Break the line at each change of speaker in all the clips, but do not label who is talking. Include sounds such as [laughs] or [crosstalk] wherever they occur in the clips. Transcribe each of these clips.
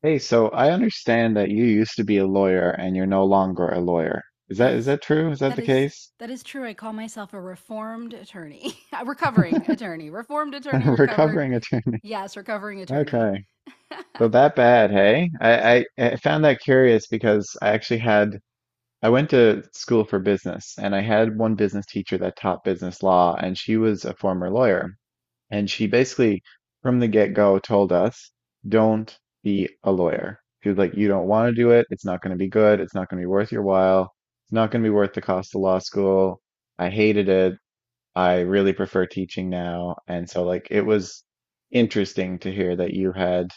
Hey, so I understand that you used to be a lawyer and you're no longer a lawyer. Is
That
that is
is
that true? Is that
that
the
is
case?
that is true. I call myself a reformed attorney. [laughs] A recovering attorney. Reformed attorney,
[laughs]
recovered.
Recovering attorney.
Yes, recovering attorney.
Okay.
[laughs] [laughs]
So that bad, hey? I found that curious because I actually had. I went to school for business and I had one business teacher that taught business law and she was a former lawyer. And she basically, from the get-go, told us, don't be a lawyer. She was like, you don't want to do it. It's not going to be good. It's not going to be worth your while. It's not going to be worth the cost of law school. I hated it. I really prefer teaching now. It was interesting to hear that you had,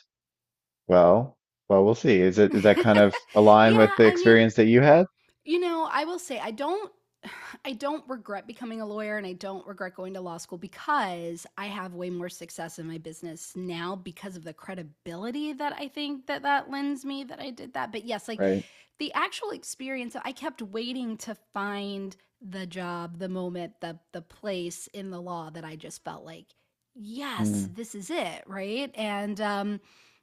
well, well, we'll see. Is that kind of align with
Yeah,
the
I mean,
experience that you had?
I will say I don't [sighs] I don't regret becoming a lawyer, and I don't regret going to law school because I have way more success in my business now because of the credibility that I think that that lends me that I did that. But yes, like
Right.
the actual experience, I kept waiting to find the job, the moment, the place in the law that I just felt like,
Mm-hmm.
yes, this is it, right? And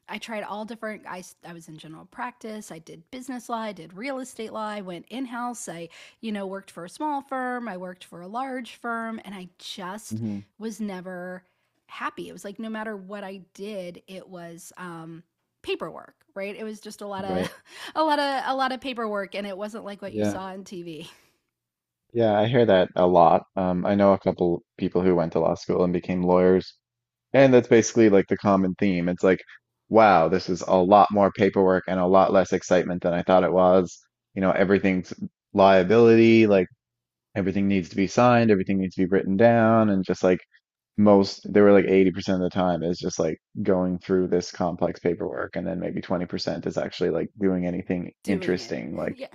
I tried all different. I was in general practice. I did business law. I did real estate law. I went in house. I worked for a small firm. I worked for a large firm, and I just
Mm-hmm.
was never happy. It was like no matter what I did, it was paperwork, right? It was just
Right.
[laughs] a lot of paperwork, and it wasn't like what you
Yeah.
saw on TV.
Yeah, I hear that a lot. I know a couple people who went to law school and became lawyers, and that's basically like the common theme. It's like, wow, this is a lot more paperwork and a lot less excitement than I thought it was. You know, everything's liability, like everything needs to be signed, everything needs to be written down, and just like most, they were like 80% of the time is just like going through this complex paperwork, and then maybe 20% is actually like doing anything
Doing it. [laughs]
interesting. Like,
Yeah.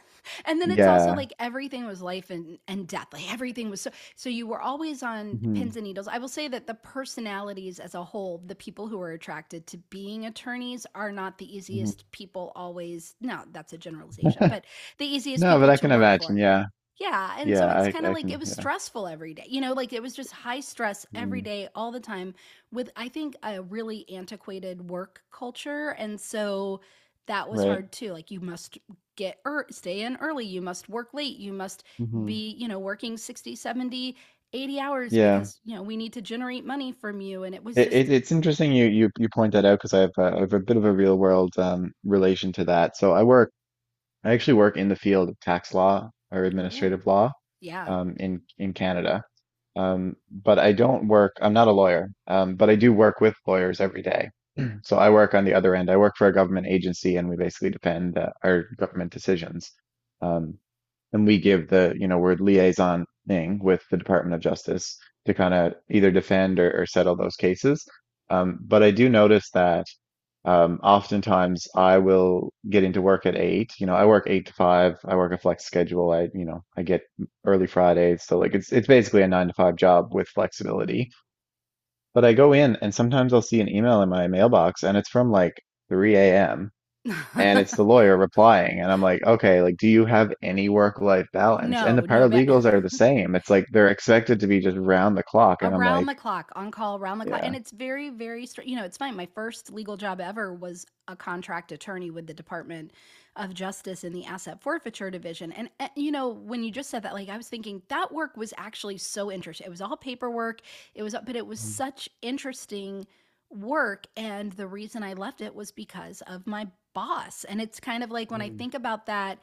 And then it's also
yeah.
like everything was life and death. Like everything was so, so you were always on pins
hmm
and needles. I will say that the personalities as a whole, the people who are attracted to being attorneys, are not the
hmm
easiest people always. No, that's a generalization, but
[laughs]
the easiest
No,
people
but I
to
can
work for.
imagine. Yeah.
Yeah, and
Yeah,
so it's kind of
I
like
can
it was
yeah.
stressful every day. Like it was just high stress every
Mm,
day all the time, with I think a really antiquated work culture, and so that was
right.
hard too. Like you must get or stay in early, you must work late, you must
hmm
be working 60, 70, 80 hours
Yeah.
because we need to generate money from you, and it was
It,
just
it it's interesting you point that out because I have I have a bit of a real world relation to that. I actually work in the field of tax law or
ooh.
administrative law
Yeah.
in Canada. But I don't work I'm not a lawyer. But I do work with lawyers every day. [clears throat] So I work on the other end. I work for a government agency and we basically defend our government decisions. Um and we give the, you know, we're liaisoning with the Department of Justice to kind of either defend or settle those cases. But I do notice that oftentimes I will get into work at eight. You know, I work eight to five. I work a flex schedule. You know, I get early Fridays. So like it's basically a nine to five job with flexibility. But I go in and sometimes I'll see an email in my mailbox and it's from like 3 a.m. And
[laughs]
it's the lawyer replying, and I'm like, okay, like, do you have any work-life balance? And the
No, no, bad.
paralegals are the same. It's like they're expected to be just round the clock, and I'm
Around
like,
the clock, on call, around the clock. And
yeah,
it's very, very. It's funny. My first legal job ever was a contract attorney with the Department of Justice in the Asset Forfeiture Division. And when you just said that, like, I was thinking that work was actually so interesting. It was all paperwork, but it was such interesting work. And the reason I left it was because of my boss. And it's kind of like when I think about that,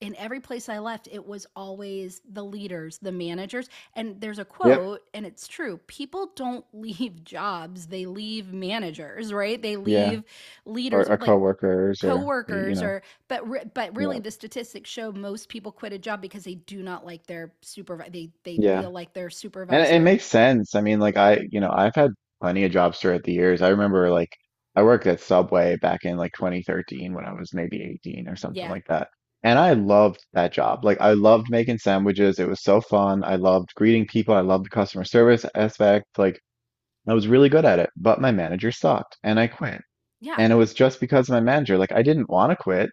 in every place I left, it was always the leaders, the managers, and there's a
yep,
quote, and it's true. People don't [laughs] leave jobs, they leave managers, right? They
yeah,
leave
or,
leaders,
or
like
coworkers, or you
coworkers,
know,
or but really,
yeah,
the statistics show most people quit a job because they do not like their supervisor, they
yeah.
feel like their
And it
supervisor.
makes sense. I mean, like you know, I've had plenty of jobs throughout the years. I remember like I worked at Subway back in like 2013 when I was maybe 18 or something
Yeah,
like that. And I loved that job. Like I loved making sandwiches. It was so fun. I loved greeting people. I loved the customer service aspect. Like I was really good at it, but my manager sucked and I quit.
yeah.
And it was just because of my manager. Like I didn't want to quit.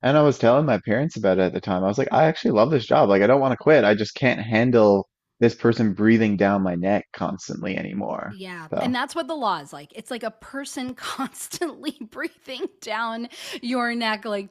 And I was telling my parents about it at the time. I was like, I actually love this job. Like, I don't want to quit. I just can't handle this person breathing down my neck constantly anymore.
Yeah, and
So,
that's what the law is like. It's like a person [laughs] constantly breathing down your neck like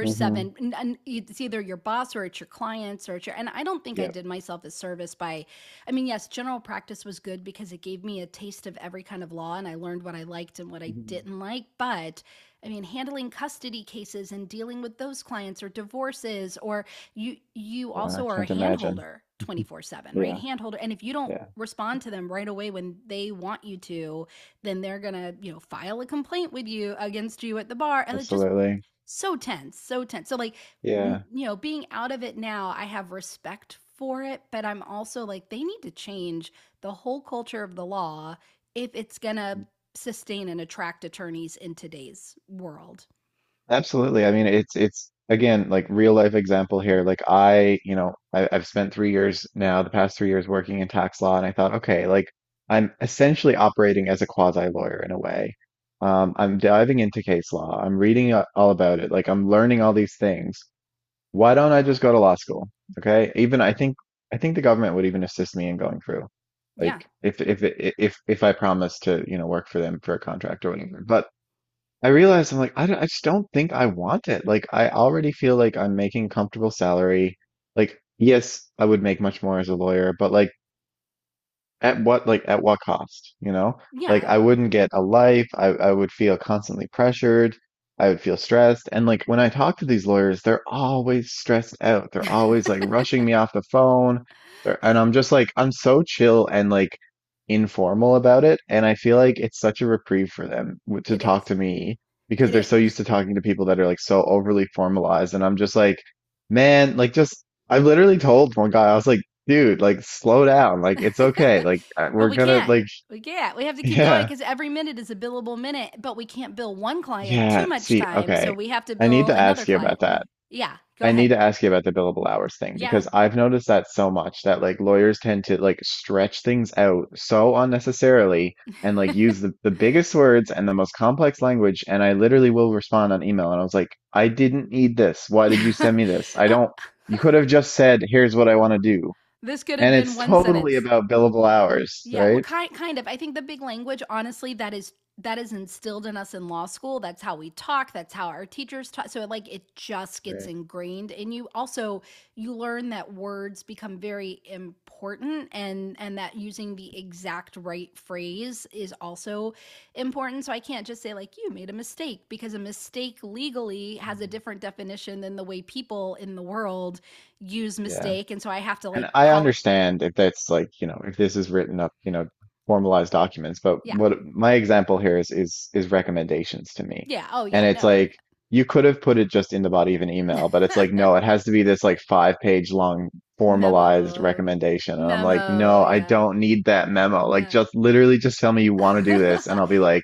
hmm
And it's either your boss or it's your clients or it's your and I don't think I
yep.
did myself a service by. I mean, yes, general practice was good because it gave me a taste of every kind of law, and I learned what I liked and what I
Mhm.
didn't like. But I mean, handling custody cases and dealing with those clients, or divorces, or you
Well, I
also are a
can't
hand
imagine.
holder 24/7, right?
Yeah.
Hand holder. And if you don't
Yeah.
respond to them right away when they want you to, then they're going to file a complaint with you, against you at the bar, and it's just
Absolutely.
so tense, so tense. So like,
Yeah.
being out of it now, I have respect for it, but I'm also like they need to change the whole culture of the law if it's going to
Yeah.
sustain and attract attorneys in today's world.
Absolutely. I mean, it's again like real life example here. Like you know, I, I've spent 3 years now, the past 3 years working in tax law, and I thought, okay, like I'm essentially operating as a quasi lawyer in a way. I'm diving into case law. I'm reading all about it. Like I'm learning all these things. Why don't I just go to law school? Okay. Even I think the government would even assist me in going through.
Yeah.
Like if I promise to, you know, work for them for a contract or whatever. But I realized I'm like, I just don't think I want it. Like, I already feel like I'm making comfortable salary. Like, yes, I would make much more as a lawyer, but like, at what cost, you know? Like
Yeah.
I wouldn't get a life. I would feel constantly pressured. I would feel stressed. And like when I talk to these lawyers, they're always stressed out. They're always like
[laughs]
rushing me off the phone. And I'm just like I'm so chill and like informal about it. And I feel like it's such a reprieve for them to
It
talk
is.
to me because
It
they're so
is.
used to talking to people that are like so overly formalized. And I'm just like, man, like just I've literally told one guy, I was like, dude, like slow down. Like
[laughs]
it's okay. Like
But
we're
we
gonna
can't.
like
We can't. We have to
[laughs]
keep going
yeah.
because every minute is a billable minute, but we can't bill one client too
Yeah.
much
See,
time. So
okay.
we have to
I need
bill
to
another
ask you
client.
about that.
Yeah, go
I need
ahead.
to ask you about the billable hours thing
Yeah.
because I've noticed that so much that like lawyers tend to like stretch things out so unnecessarily and like use the biggest words and the most complex language. And I literally will respond on email and I was like, I didn't need this. Why did you send me this? I don't,
[laughs]
you could have just said, here's what I want to do.
This could have
And
been
it's
one
totally
sentence.
about billable hours,
Yeah, well,
right?
kind of. I think the big language, honestly, that is instilled in us in law school. That's how we talk. That's how our teachers talk. So like it just gets
Right.
ingrained in you. Also, you learn that words become very important, and that using the exact right phrase is also important. So I can't just say like you made a mistake, because a mistake legally has a different definition than the way people in the world use
Yeah.
mistake. And so I have to
And
like
I
call it.
understand if that's like, you know, if this is written up, you know, formalized documents, but
Yeah.
what my example here is recommendations to me.
Yeah. Oh,
And
yeah.
it's
No.
like you could have put it just in the body of an email, but it's like, no, it
[laughs]
has to be this like five-page long formalized
Memo,
recommendation. And I'm like,
memo.
no, I
Yeah,
don't need that memo. Like
yeah.
just literally just tell me you want to do this and I'll be
[laughs]
like,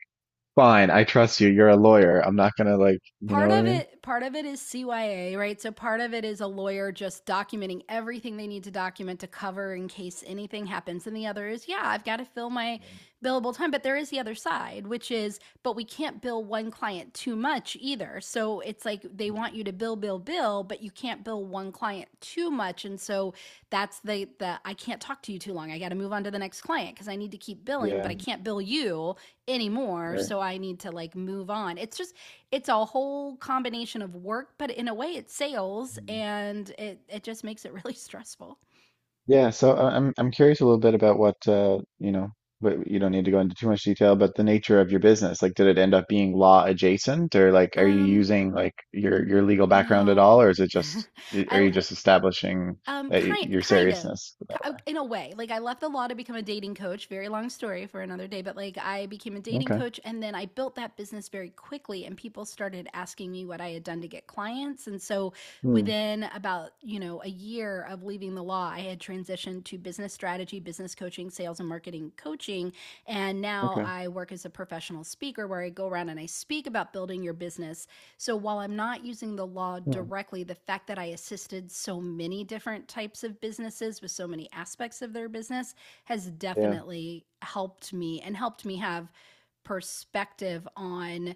fine, I trust you. You're a lawyer. I'm not gonna like, you know
Part
what I
of
mean?
it, part of it is CYA, right? So part of it is a lawyer just documenting everything they need to document to cover in case anything happens. And the other is, yeah, I've got to fill my billable time, but there is the other side, which is, but we can't bill one client too much either. So it's like they want you to bill, bill, bill, but you can't bill one client too much. And so that's the I can't talk to you too long. I got to move on to the next client because I need to keep billing,
Yeah.
but I can't bill you anymore.
Right.
So I need to like move on. It's just, it's a whole combination of work, but in a way it's sales, and it just makes it really [laughs] stressful.
Yeah, so I'm curious a little bit about what you know, but you don't need to go into too much detail, but the nature of your business. Like, did it end up being law adjacent, or like, are you
Um,
using like your legal background at
no.
all, or is it just
[laughs]
are
I
you just establishing that y
Kind
your
kind of,
seriousness? With that?
in a way. Like I left the law to become a dating coach. Very long story for another day, but like I became a
One?
dating
Okay.
coach, and then I built that business very quickly, and people started asking me what I had done to get clients. And so
Hmm.
within about a year of leaving the law, I had transitioned to business strategy, business coaching, sales and marketing coaching, and now
Okay.
I work as a professional speaker where I go around and I speak about building your business. So while I'm not using the law
Hmm.
directly, the fact that I assisted so many different types of businesses with so many aspects of their business has
Yeah.
definitely helped me, and helped me have perspective on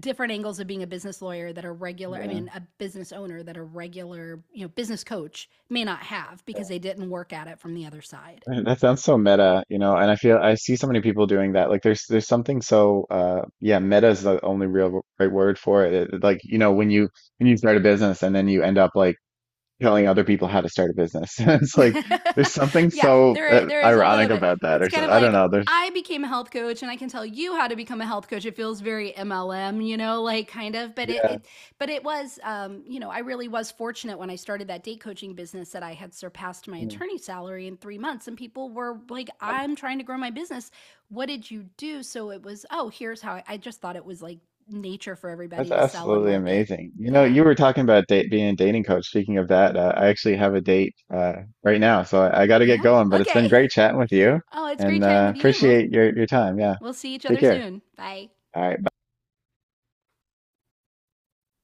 different angles of being a business lawyer that a regular,
Yeah.
I
Yeah.
mean, a business owner, that a regular business coach may not have because they
[laughs]
didn't work at it from the other side.
That sounds so meta, you know, and I feel I see so many people doing that. Like there's something so yeah, meta is the only real right word for it. Like, you know, when you start a business and then you end up like telling other people how to start a business. [laughs] It's
[laughs]
like there's something
Yeah,
so
there there is a little
ironic
bit.
about that,
It's
or
kind
so,
of
I don't
like
know. There's
I became a health coach and I can tell you how to become a health coach. It feels very MLM, like kind of, but
yeah,
it was, I really was fortunate when I started that date coaching business, that I had surpassed my
mm.
attorney salary in 3 months, and people were like, I'm trying to grow my business. What did you do? So it was, oh, here's how I, just thought it was like nature for
That's
everybody to sell and
absolutely
market.
amazing. You know,
Yeah.
you were talking about date, being a dating coach. Speaking of that, I actually have a date right now, so I got to get
Yeah.
going. But it's
Okay.
been
[laughs]
great chatting with you,
Oh, it's
and
great chatting with you. We'll
appreciate your time. Yeah,
We'll see each
take
other
care.
soon. Bye.
All right, bye.